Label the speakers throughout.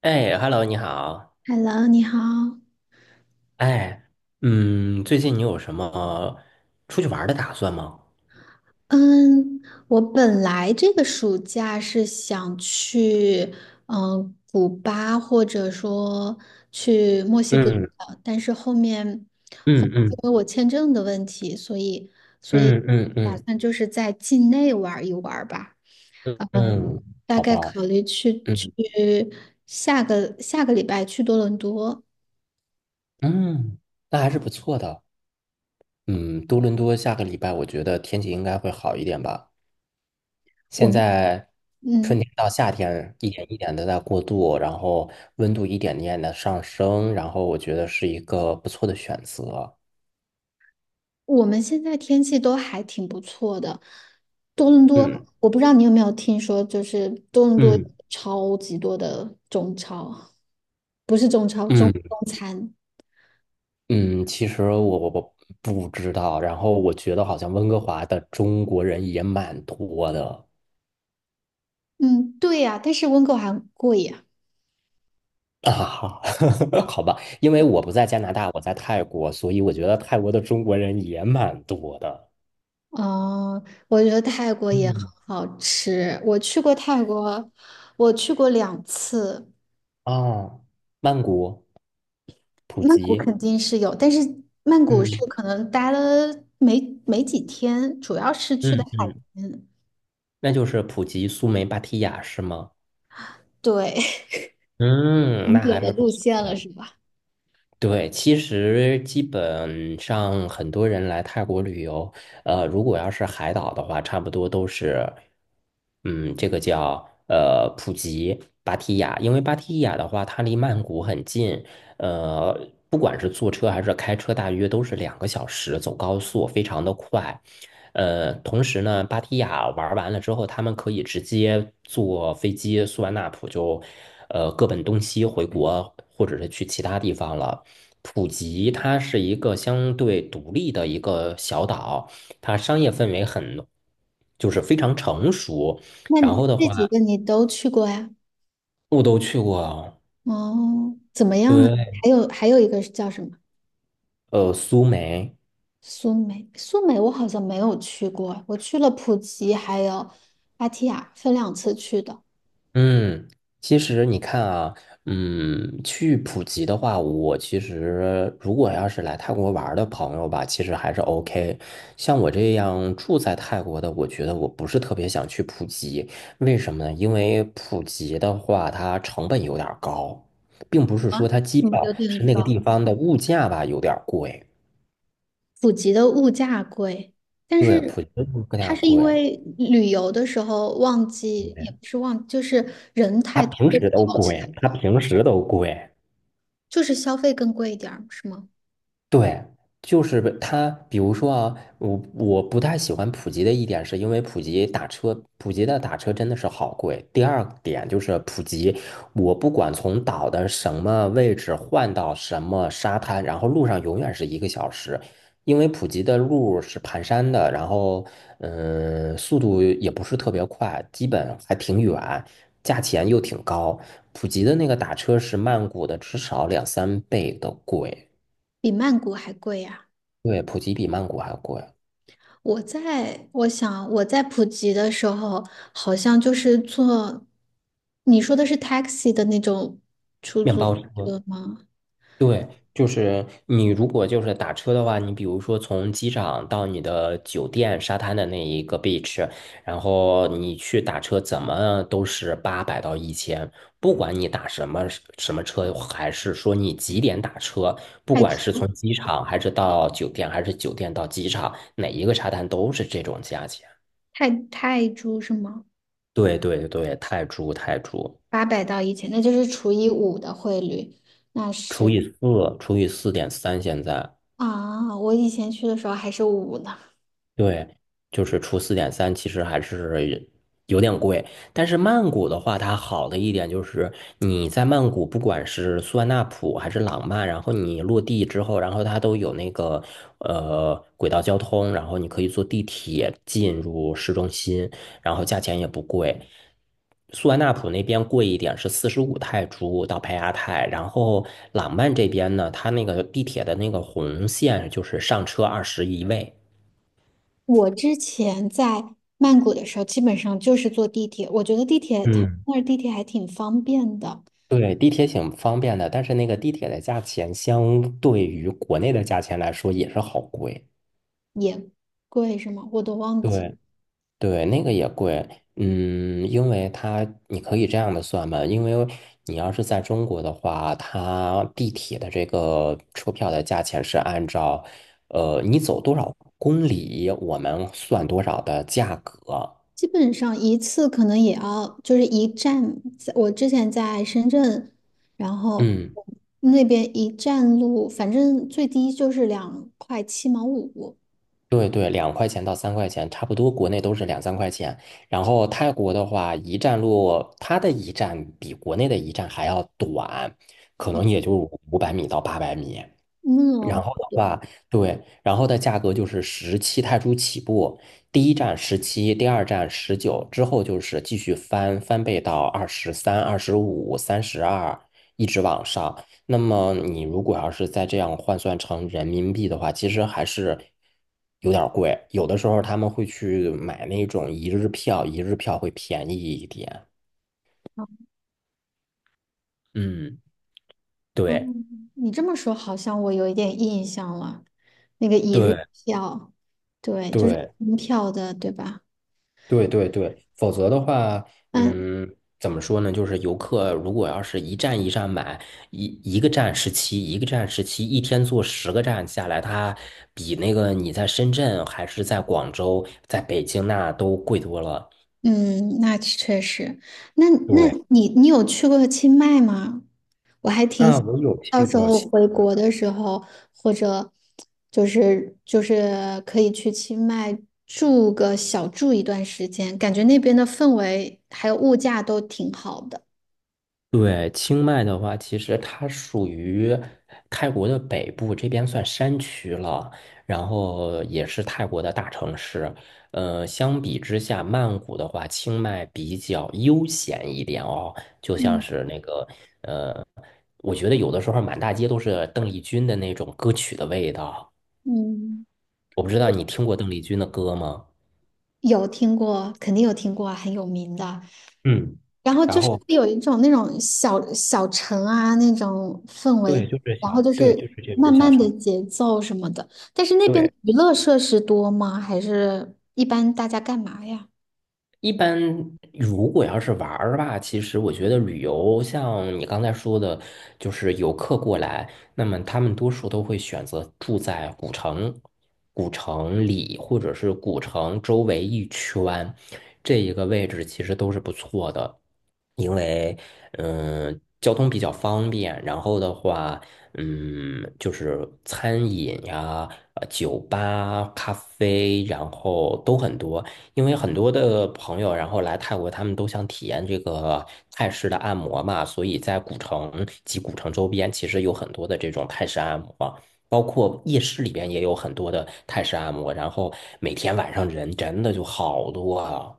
Speaker 1: 哎，Hello，你好。
Speaker 2: Hello，你好。
Speaker 1: 哎，最近你有什么出去玩儿的打算吗？
Speaker 2: 嗯，我本来这个暑假是想去，古巴或者说去墨西哥的，
Speaker 1: 嗯
Speaker 2: 但是后
Speaker 1: 嗯
Speaker 2: 因
Speaker 1: 嗯
Speaker 2: 为我签证的问题，所以
Speaker 1: 嗯嗯
Speaker 2: 打
Speaker 1: 嗯
Speaker 2: 算就是在境内玩一玩吧。
Speaker 1: 嗯。
Speaker 2: 呃，
Speaker 1: 嗯。
Speaker 2: 大
Speaker 1: 好
Speaker 2: 概
Speaker 1: 吧。
Speaker 2: 考虑去
Speaker 1: 嗯
Speaker 2: 下个礼拜去多伦多。
Speaker 1: 嗯。那还是不错的。嗯，多伦多下个礼拜我觉得天气应该会好一点吧。
Speaker 2: 我
Speaker 1: 现
Speaker 2: 们
Speaker 1: 在春
Speaker 2: 嗯，
Speaker 1: 天到夏天一点一点的在过渡，然后温度一点点的上升，然后我觉得是一个不错的选择。
Speaker 2: 我们现在天气都还挺不错的。多伦多，
Speaker 1: 嗯
Speaker 2: 我不知道你有没有听说，就是多伦多
Speaker 1: 嗯
Speaker 2: 超级多的中超，不是中超，中
Speaker 1: 嗯。
Speaker 2: 中餐。
Speaker 1: 嗯，其实我不知道，然后我觉得好像温哥华的中国人也蛮多的。
Speaker 2: 嗯，对呀，但是温哥华很贵呀。
Speaker 1: 啊，好吧，因为我不在加拿大，我在泰国，所以我觉得泰国的中国人也蛮多的。
Speaker 2: 哦，我觉得泰国也很
Speaker 1: 嗯。
Speaker 2: 好吃。我去过泰国，我去过两次。
Speaker 1: 啊，曼谷、普
Speaker 2: 曼谷肯
Speaker 1: 吉。
Speaker 2: 定是有，但是曼谷是
Speaker 1: 嗯
Speaker 2: 可能待了没没几天，主要是去的
Speaker 1: 嗯
Speaker 2: 海
Speaker 1: 嗯，
Speaker 2: 边。
Speaker 1: 那就是普吉、苏梅、芭提雅是吗？
Speaker 2: 对，
Speaker 1: 嗯，
Speaker 2: 景
Speaker 1: 那
Speaker 2: 点
Speaker 1: 还
Speaker 2: 的
Speaker 1: 是不
Speaker 2: 路
Speaker 1: 错
Speaker 2: 线了，
Speaker 1: 的。
Speaker 2: 是吧？
Speaker 1: 对，其实基本上很多人来泰国旅游。如果要是海岛的话，差不多都是，嗯，这个叫普吉、芭提雅，因为芭提雅的话，它离曼谷很近。呃，不管是坐车还是开车，大约都是2个小时，走高速非常的快。同时呢，芭提雅玩完了之后，他们可以直接坐飞机苏万纳普就，各奔东西回国，或者是去其他地方了。普吉它是一个相对独立的一个小岛，它商业氛围很，就是非常成熟。
Speaker 2: 那
Speaker 1: 然
Speaker 2: 你
Speaker 1: 后的
Speaker 2: 这
Speaker 1: 话，
Speaker 2: 几个你都去过呀？
Speaker 1: 我都去过。
Speaker 2: 哦，怎么样啊？
Speaker 1: 对。
Speaker 2: 还有一个是叫什么？
Speaker 1: 苏梅。
Speaker 2: 苏梅我好像没有去过，我去了普吉还有芭提雅，分两次去的。
Speaker 1: 嗯，其实你看啊，去普吉的话，我其实如果要是来泰国玩儿的朋友吧，其实还是 OK。像我这样住在泰国的，我觉得我不是特别想去普吉。为什么呢？因为普吉的话，它成本有点儿高，并不是
Speaker 2: 啊，
Speaker 1: 说它机
Speaker 2: 怎么
Speaker 1: 票，
Speaker 2: 有点
Speaker 1: 是那个
Speaker 2: 高。
Speaker 1: 地方的物价吧有点儿贵。
Speaker 2: 普吉的物价贵，但
Speaker 1: 对，
Speaker 2: 是
Speaker 1: 普吉的物
Speaker 2: 它
Speaker 1: 价
Speaker 2: 是因
Speaker 1: 贵。
Speaker 2: 为旅游的时候旺季，
Speaker 1: 对，
Speaker 2: 也不是旺，就是人
Speaker 1: 它
Speaker 2: 太多
Speaker 1: 平
Speaker 2: 会
Speaker 1: 时都
Speaker 2: 吵起来，
Speaker 1: 贵，它平时都贵。
Speaker 2: 就是消费更贵一点儿，是吗？
Speaker 1: 对，就是被它，比如说啊，我不太喜欢普及的一点，是因为普及打车，普及的打车真的是好贵。第二点就是普及，我不管从岛的什么位置换到什么沙滩，然后路上永远是1个小时，因为普及的路是盘山的，然后速度也不是特别快，基本还挺远，价钱又挺高。普及的那个打车是曼谷的至少两三倍的贵。
Speaker 2: 比曼谷还贵呀。
Speaker 1: 对，普吉比曼谷还贵。
Speaker 2: 我想我在普吉的时候，好像就是坐，你说的是 taxi 的那种出
Speaker 1: 面
Speaker 2: 租
Speaker 1: 包车。
Speaker 2: 车吗？
Speaker 1: 对，就是你如果就是打车的话，你比如说从机场到你的酒店沙滩的那一个 beach，然后你去打车，怎么都是800到1000，不管你打什么车，还是说你几点打车，不
Speaker 2: 泰
Speaker 1: 管
Speaker 2: 铢
Speaker 1: 是从机场还是到酒店，还是酒店到机场，哪一个沙滩都是这种价钱。
Speaker 2: 泰铢是吗？
Speaker 1: 对对对，泰铢泰铢。
Speaker 2: 八百到一千，那就是除以五的汇率，那
Speaker 1: 除
Speaker 2: 是
Speaker 1: 以四除以四点三，现在。
Speaker 2: 啊，我以前去的时候还是五呢。
Speaker 1: 对，就是除四点三，其实还是有点贵。但是曼谷的话，它好的一点就是你在曼谷，不管是苏万那普还是朗曼，然后你落地之后，然后它都有那个轨道交通，然后你可以坐地铁进入市中心，然后价钱也不贵。苏万那普那边贵一点，是45泰铢到帕亚泰。然后朗曼这边呢，它那个地铁的那个红线就是上车21位。
Speaker 2: 我之前在曼谷的时候，基本上就是坐地铁，我觉得地铁它那儿地铁还挺方便的，
Speaker 1: 对，地铁挺方便的，但是那个地铁的价钱相对于国内的价钱来说也是好贵。
Speaker 2: 也贵是吗？我都忘记。
Speaker 1: 对对，那个也贵。嗯，因为它你可以这样的算嘛，因为你要是在中国的话，它地铁的这个车票的价钱是按照你走多少公里，我们算多少的价格。
Speaker 2: 基本上一次可能也要就是一站，在我之前在深圳，然后
Speaker 1: 嗯。
Speaker 2: 那边一站路，反正最低就是两块七毛五。
Speaker 1: 对对，2块钱到3块钱，差不多国内都是两三块钱。然后泰国的话，一站路它的一站比国内的一站还要短，可能也就500米到800米。
Speaker 2: 那
Speaker 1: 然后的话，对，然后的价格就是17泰铢起步，第一站十七，第二站19，之后就是继续翻倍到23、25、32，一直往上。那么你如果要是再这样换算成人民币的话，其实还是有点儿贵。有的时候他们会去买那种一日票，一日票会便宜一点。嗯，对
Speaker 2: 你这么说，好像我有一点印象了。那个一日
Speaker 1: 对
Speaker 2: 票，对，就是
Speaker 1: 对。
Speaker 2: 门票的，对吧？
Speaker 1: 对对对，否则的话，
Speaker 2: 嗯，
Speaker 1: 嗯，怎么说呢？就是游客如果要是一站一站买，一一个站十七，一个站十七，一天坐10个站下来，它比那个你在深圳还是在广州、在北京那都贵多了。
Speaker 2: 嗯，那确实。那
Speaker 1: 对。
Speaker 2: 你有去过清迈吗？我还挺
Speaker 1: 啊，
Speaker 2: 想
Speaker 1: 我有
Speaker 2: 到
Speaker 1: 去
Speaker 2: 时
Speaker 1: 过。
Speaker 2: 候回国的时候，或者就是可以去清迈小住一段时间，感觉那边的氛围还有物价都挺好的。
Speaker 1: 对，清迈的话，其实它属于泰国的北部，这边算山区了，然后也是泰国的大城市。相比之下，曼谷的话，清迈比较悠闲一点哦，就像
Speaker 2: 嗯
Speaker 1: 是那个呃，我觉得有的时候满大街都是邓丽君的那种歌曲的味道。
Speaker 2: 嗯，
Speaker 1: 我不知道你听过邓丽君的歌吗？
Speaker 2: 有听过，肯定有听过啊很有名的。
Speaker 1: 嗯，
Speaker 2: 然后
Speaker 1: 然
Speaker 2: 就是
Speaker 1: 后
Speaker 2: 会有一种那种小小城啊那种氛
Speaker 1: 对，
Speaker 2: 围，
Speaker 1: 就是
Speaker 2: 然后就
Speaker 1: 小，对，
Speaker 2: 是
Speaker 1: 就是这
Speaker 2: 慢
Speaker 1: 种小
Speaker 2: 慢的
Speaker 1: 城。
Speaker 2: 节奏什么的。但是那边
Speaker 1: 对。
Speaker 2: 娱乐设施多吗？还是一般大家干嘛呀？
Speaker 1: 一般如果要是玩儿吧，其实我觉得旅游像你刚才说的，就是游客过来，那么他们多数都会选择住在古城、古城里或者是古城周围一圈，这一个位置其实都是不错的，因为交通比较方便，然后的话。嗯，就是餐饮呀、酒吧、咖啡，然后都很多。因为很多的朋友，然后来泰国，他们都想体验这个泰式的按摩嘛，所以在古城及古城周边，其实有很多的这种泰式按摩，包括夜市里边也有很多的泰式按摩。然后每天晚上人真的就好多啊。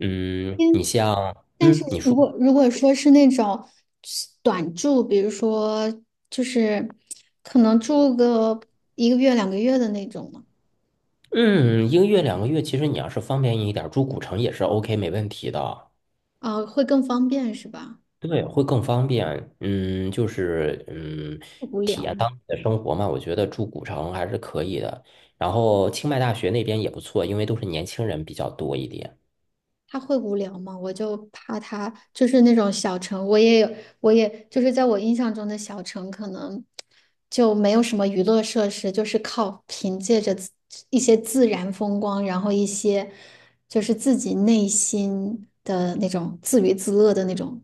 Speaker 1: 嗯，
Speaker 2: 嗯，
Speaker 1: 你像，
Speaker 2: 但是
Speaker 1: 嗯，你
Speaker 2: 如
Speaker 1: 说，
Speaker 2: 果如果说是那种短住，比如说就是可能住个1个月2个月的那种呢，
Speaker 1: 嗯，一个月两个月，其实你要是方便一点儿，住古城也是 OK，没问题的。
Speaker 2: 啊，会更方便是吧？
Speaker 1: 对，会更方便。嗯，就是嗯，
Speaker 2: 会无
Speaker 1: 体
Speaker 2: 聊
Speaker 1: 验
Speaker 2: 吗？
Speaker 1: 当地的生活嘛，我觉得住古城还是可以的。然后清迈大学那边也不错，因为都是年轻人比较多一点。
Speaker 2: 他会无聊吗？我就怕他就是那种小城，我也有，我也就是在我印象中的小城，可能就没有什么娱乐设施，就是靠凭借着一些自然风光，然后一些就是自己内心的那种自娱自乐的那种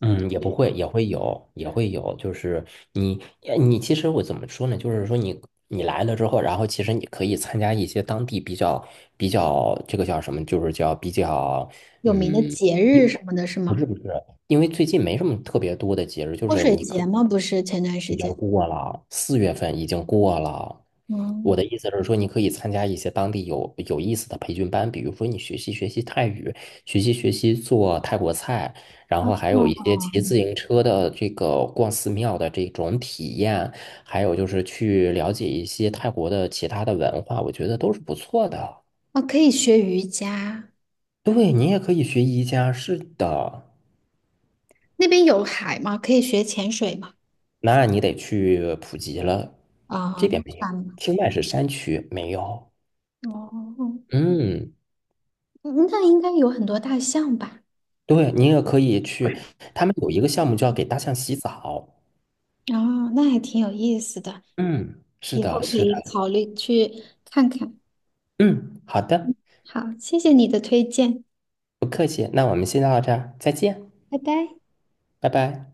Speaker 1: 嗯，也不会，也会有，也会有。就是你，你其实我怎么说呢？就是说你，你来了之后，然后其实你可以参加一些当地比较这个叫什么？就是叫比较。
Speaker 2: 有名的
Speaker 1: 嗯，
Speaker 2: 节日
Speaker 1: 因
Speaker 2: 什么的，是
Speaker 1: 不
Speaker 2: 吗？
Speaker 1: 是不是，因为最近没什么特别多的节日，就
Speaker 2: 泼
Speaker 1: 是
Speaker 2: 水
Speaker 1: 你可
Speaker 2: 节吗？不是前段时
Speaker 1: 已经
Speaker 2: 间，
Speaker 1: 过了，4月份已经过了。我
Speaker 2: 嗯，
Speaker 1: 的意思是说，你可以参加一些当地有意思的培训班，比如说你学习学习泰语，学习学习做泰国菜。然后还有一
Speaker 2: 哦，
Speaker 1: 些骑自行车的这个逛寺庙的这种体验，还有就是去了解一些泰国的其他的文化，我觉得都是不错的。
Speaker 2: 哦，可以学瑜伽，
Speaker 1: 对，你也可以学瑜伽，是的。
Speaker 2: 那边有海吗？可以学潜水吗？
Speaker 1: 那你得去普及了，
Speaker 2: 啊，
Speaker 1: 这
Speaker 2: 那
Speaker 1: 边没有，
Speaker 2: 算了。
Speaker 1: 清迈是山区，没有。
Speaker 2: 哦，
Speaker 1: 嗯，
Speaker 2: 嗯那应该有很多大象吧？
Speaker 1: 对，你也可以去，他们有一个项目叫给大象洗澡。
Speaker 2: 哦，那还挺有意思的，
Speaker 1: 嗯，是
Speaker 2: 以后
Speaker 1: 的，
Speaker 2: 可
Speaker 1: 是的。
Speaker 2: 以考虑去看看。
Speaker 1: 嗯，好的。
Speaker 2: 好，谢谢你的推荐，
Speaker 1: 不客气，那我们先到这儿，再见，
Speaker 2: 拜拜。
Speaker 1: 拜拜。